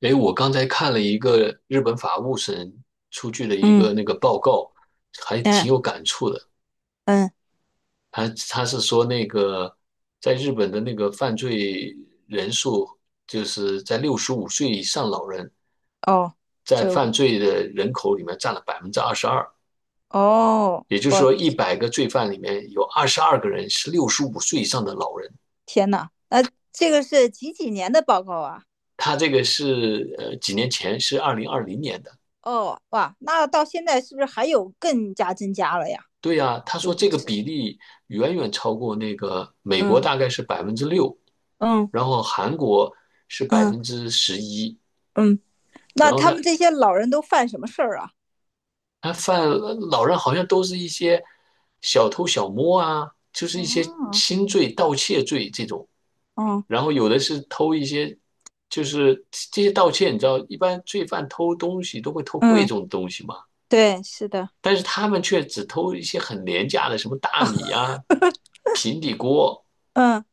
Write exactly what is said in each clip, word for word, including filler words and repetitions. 诶，我刚才看了一个日本法务省出具的一嗯，个那个报告，还嗯挺有感触的。嗯，他他是说那个在日本的那个犯罪人数，就是在六十五岁以上老人哦，在就犯罪的人口里面占了百分之二十二，哦，也就是我说一百个罪犯里面有二十二个人是六十五岁以上的老人。天呐，那这个是几几年的报告啊？他这个是呃几年前是二零二零年的。哦，哇，那到现在是不是还有更加增加了呀？对呀，他说估这计个是。比例远远超过那个美国，大概嗯是百分之六，嗯然后韩国是百嗯分之十一，嗯，那然后他们他这些老人都犯什么事儿啊？他犯老人好像都是一些小偷小摸啊，就是一些哦。轻罪、盗窃罪这种，哦，然后有的是偷一些，就是这些盗窃，你知道，一般罪犯偷东西都会偷贵嗯，重的东西嘛，对，是的。但是他们却只偷一些很廉价的，什么大米啊、平底锅。嗯，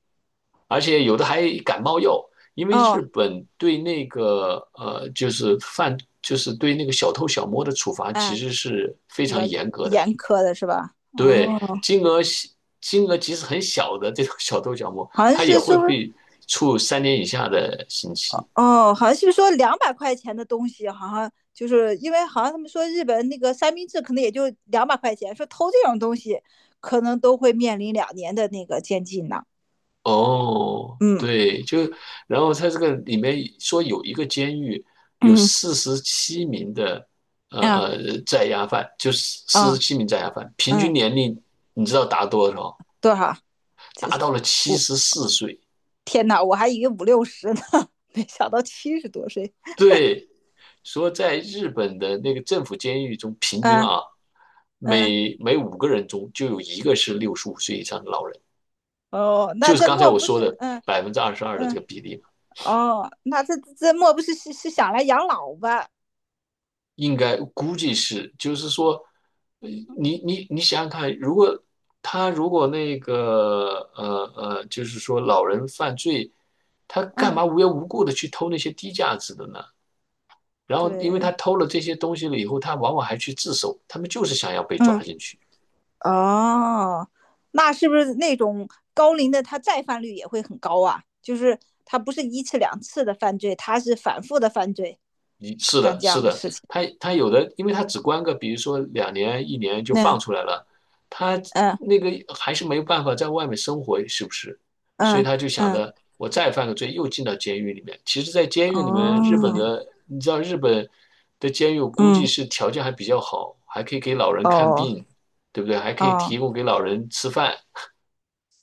而且有的还感冒药，因为日哦，本对那个呃，就是犯，就是对那个小偷小摸的处罚其嗯，实是非比较常严格的。严苛的是吧？对，哦，金额金额即使很小的这种小偷小摸，好像他也是是会不是？被处三年以下的刑期。哦，好像是不是说两百块钱的东西，好像就是因为好像他们说日本那个三明治可能也就两百块钱，说偷这种东西可能都会面临两年的那个监禁呢。哦，嗯对，就然后他这个里面说有一个监狱有嗯四十七名的呃啊呃在押犯，就是四十啊七名在押犯，平均嗯，年龄你知道达多少？多少？这达是到了七我十四岁。天哪，我还以为五六十呢，没想到七十多岁。对，说在日本的那个政府监狱中，平均嗯啊，嗯每每五个人中就有一个是六十五岁以上的老人，哦，那就是这刚才莫我不说是的嗯百分之二十二的这嗯个比例嘛，哦，那这这莫不是是是想来养老吧？应该估计是，就是说，呃你你你想想看，如果他如果那个呃呃，就是说老人犯罪，他干嗯，嘛无缘无故的去偷那些低价值的呢？然后，因为对，他偷了这些东西了以后，他往往还去自首，他们就是想要被抓嗯。进去。哦，那是不是那种高龄的他再犯率也会很高啊？就是他不是一次两次的犯罪，他是反复的犯罪，你是干的，这是样的的，事情。他他有的，因为他只关个，比如说两年、一年就放那出来了，他嗯那个还是没有办法在外面生活，是不是？所以嗯他就想嗯着，我再犯个罪，又进到监狱里面。其实，在监狱嗯里面，日本的，哦，你知道日本的监狱，我估计嗯是条件还比较好，还可以给老人看病，哦对不对？还可以哦。提供给老人吃饭。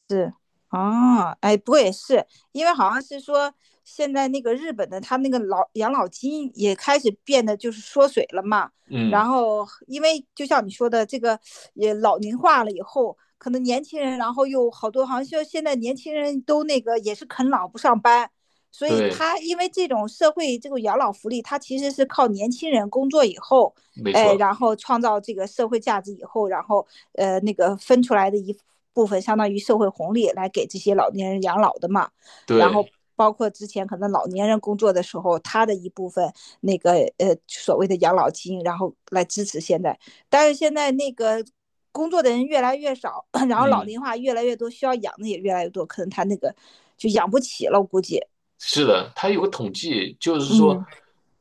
是，哦，哎，不过也是，因为好像是说现在那个日本的他那个老养老金也开始变得就是缩水了嘛。然嗯，后，因为就像你说的，这个也老龄化了以后，可能年轻人，然后又好多，好像就现在年轻人都那个也是啃老不上班，所以对，他因为这种社会这种养老福利，他其实是靠年轻人工作以后，没哎，错，然后创造这个社会价值以后，然后呃那个分出来的一部分，相当于社会红利来给这些老年人养老的嘛。然后对。包括之前可能老年人工作的时候，他的一部分那个呃所谓的养老金，然后来支持现在。但是现在那个工作的人越来越少，然后老嗯，龄化越来越多，需要养的也越来越多，可能他那个就养不起了，我估计。是的，他有个统计，就是说，嗯，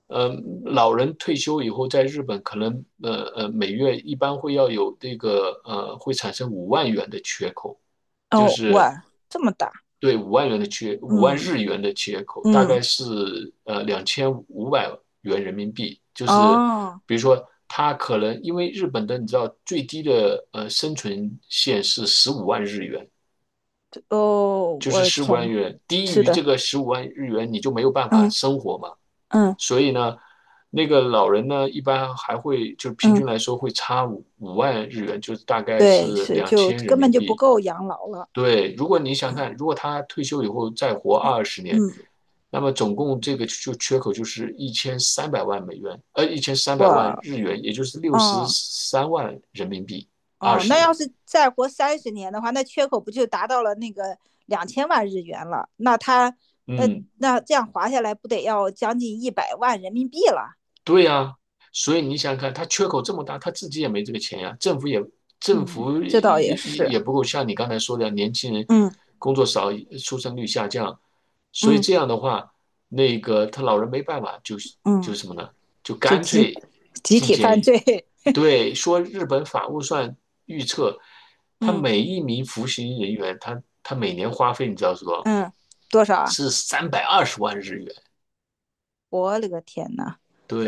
呃，老人退休以后，在日本可能，呃呃，每月一般会要有这个，呃，会产生五万元的缺口，就哦，是哇，这么大。对五万元的缺，五万嗯日元的缺口，大嗯，概是呃两千五百元人民币，就是哦。比如说他可能因为日本的你知道最低的呃生存线是十五万日元，哦，就我是的十五天万日呐，元，低是于这的。个十五万日元你就没有办法嗯生活嘛。嗯所以呢，那个老人呢，一般还会就平嗯，均来说会差五五万日元，就是大概对，是是两就千人根本民就不币。够养老了。对，如果你想看，如果他退休以后再活二十年，嗯，那么总共这个就缺口就是一千三百万美元，呃，一千三百万我，日元，也就是六十哦三万人民币，二哦，十那要年。是再活三十年的话，那缺口不就达到了那个两千万日元了？那他那嗯，那这样划下来，不得要将近一百万人民币了？对呀，所以你想想看，他缺口这么大，他自己也没这个钱呀，政府也政嗯，府也这倒也也是。也不够，像你刚才说的，年轻人嗯工作少，出生率下降，所以嗯这样的话，那个他老人没办法，就就嗯，什么呢？就就干集脆集进体监犯狱。罪。对，说日本法务算预测，他嗯每一名服刑人员，他他每年花费，你知道是多少？嗯，多少啊？是三百二十万日元。我勒个天呐！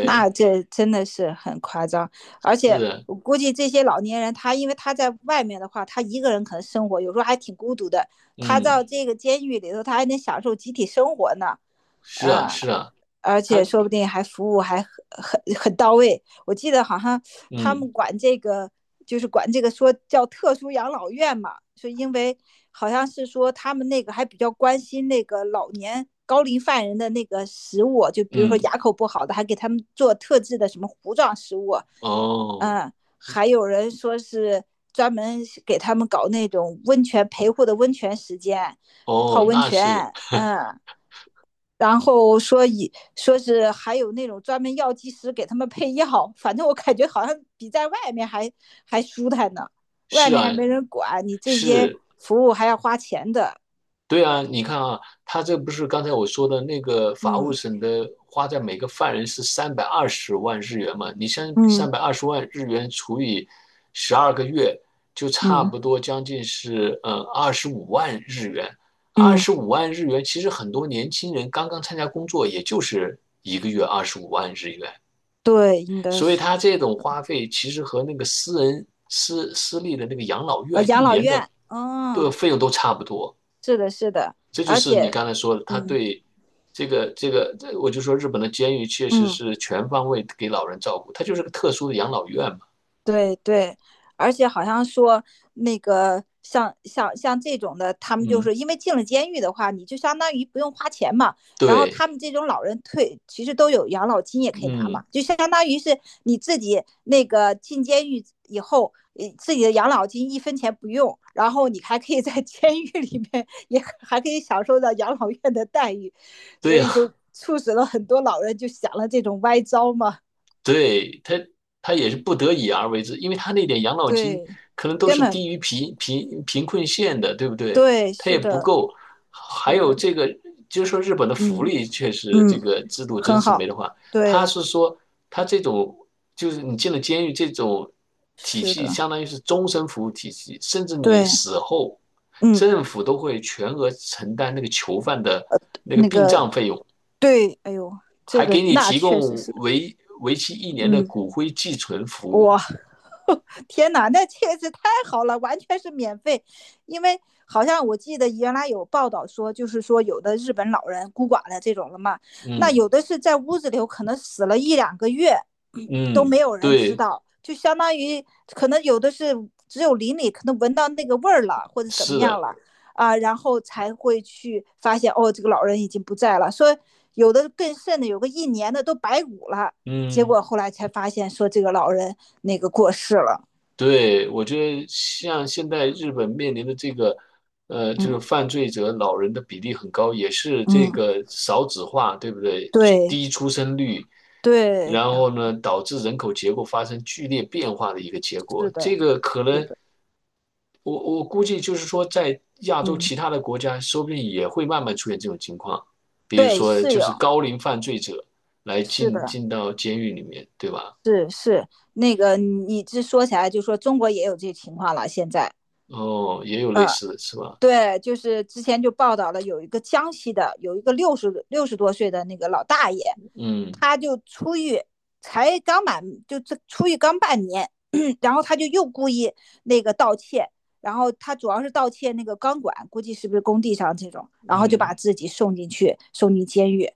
那这真的是很夸张，而且是，我估计这些老年人，他因为他在外面的话，他一个人可能生活有时候还挺孤独的，他到嗯，这个监狱里头，他还能享受集体生活呢。是啊，嗯。是啊。而且他说不定还服务还很很很到位。我记得好像他嗯们管这个就是管这个说叫特殊养老院嘛，是因为好像是说他们那个还比较关心那个老年高龄犯人的那个食物，就比如说嗯牙口不好的，还给他们做特制的什么糊状食物。哦嗯，还有人说是专门给他们搞那种温泉陪护的温泉时间，泡哦，温那是泉。嗯。然后说以说是还有那种专门药剂师给他们配药，反正我感觉好像比在外面还还舒坦呢。外是面啊还没人管你这些是，服务还要花钱的。对啊，你看啊，他这不是刚才我说的那个法务嗯省的花在每个犯人是三百二十万日元嘛？你像嗯三百二十万日元除以十二个月，就差嗯不多将近是呃二十五万日元。二嗯，十五万日元，其实很多年轻人刚刚参加工作，也就是一个月二十五万日元。对，应该所以是他这种花费其实和那个私人私私立的那个养老呃院一养老年的院。的嗯，费用都差不多。是的，是的，这就而是你刚且。才说的，他嗯对这个这个，我就说日本的监狱确实嗯。是全方位给老人照顾，它就是个特殊的养老院嘛。对对，而且好像说那个像像像这种的，他们就嗯，是因为进了监狱的话，你就相当于不用花钱嘛。然后对，他们这种老人退，其实都有养老金也可以拿嘛，嗯，就相当于是你自己那个进监狱以后，呃自己的养老金一分钱不用，然后你还可以在 监狱里面也还可以享受到养老院的待遇，对所呀、以就促使了很多老人就想了这种歪招嘛。对，他他也是不得已而为之，因为他那点养老金对，可能都根是本低于贫贫贫困线的，对不对？对，他也是不的。够，还是有的，这个，就是说日本的福嗯利确实这嗯，个制度真很是没好，得话。他对，是说他这种就是你进了监狱这种体是系，的，相当于是终身服务体系，甚至你对，死后，嗯，政府都会全额承担那个囚犯的那个那殡个葬费用。对，哎呦，这还个给你那提确实供是。为为期一年的嗯，骨灰寄存服务。哇，天哪，那确实太好了，完全是免费。因为好像我记得原来有报道说，就是说有的日本老人孤寡的这种了嘛，那嗯有的是在屋子里可能死了一两个月，都嗯，没有人知对，道，就相当于可能有的是只有邻里可能闻到那个味儿了，或者怎么是样的，了啊，然后才会去发现哦，这个老人已经不在了。说有的更甚的，有个一年的都白骨了。结嗯，果后来才发现说这个老人那个过世了。对，我觉得像现在日本面临的这个，呃，就嗯是犯罪者老人的比例很高，也是这嗯，个少子化，对不对？对低出生率，对，然啊后呢，导致人口结构发生剧烈变化的一个结果。是这的，个可是能的，我我估计就是说，在亚洲嗯，其他的国家，说不定也会慢慢出现这种情况，比如对，说是就是有，高龄犯罪者来是进的，进到监狱里面，对吧？是是那个你这说起来就说中国也有这情况了，现在。哦，也有类嗯似的是吧？对，就是之前就报道了，有一个江西的，有一个六十六十多岁的那个老大爷，嗯他就出狱，才刚满就这出狱刚半年，然后他就又故意那个盗窃，然后他主要是盗窃那个钢管，估计是不是工地上这种，然后就把嗯，自己送进去，送进监狱。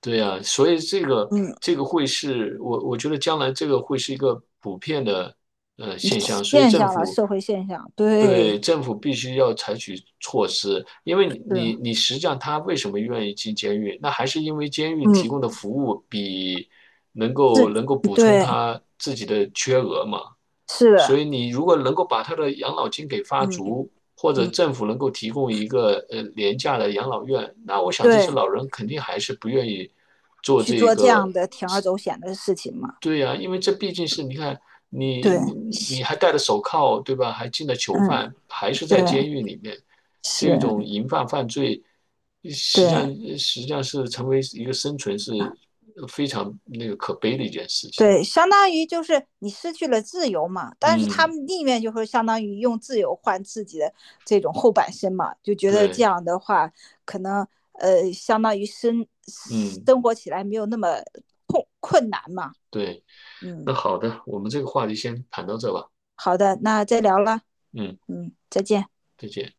对呀，所以这个嗯，这个会是我我觉得将来这个会是一个普遍的呃现象，所以现政象了，府社会现象，对。对政府必须要采取措施，因为是，你你实际上他为什么愿意进监狱，那还是因为监狱提嗯，供的服务比能够是，能够补充对，他自己的缺额嘛。是所的，以你如果能够把他的养老金给发嗯足，或者嗯，政府能够提供一个呃廉价的养老院，那我想这对，些老人肯定还是不愿意做去这做这个。样的铤而走险的事情嘛。对呀、啊因为这毕竟是你看对，你你你是，还戴着手铐，对吧？还进了囚嗯，犯，还是对，在监狱里面，这是，种淫犯犯罪，呃实际对，上实际上是成为一个生存是呃非常那个可悲的一件事情。对，相当于就是你失去了自由嘛，但是他嗯，们宁愿就是相当于用自由换自己的这种后半生嘛，就觉得这对，样的话，可能呃，相当于生嗯，生活起来没有那么困困难嘛。对。那嗯，好的，我们这个话题先谈到这吧。好的，那再聊了。嗯，嗯，再见。再见。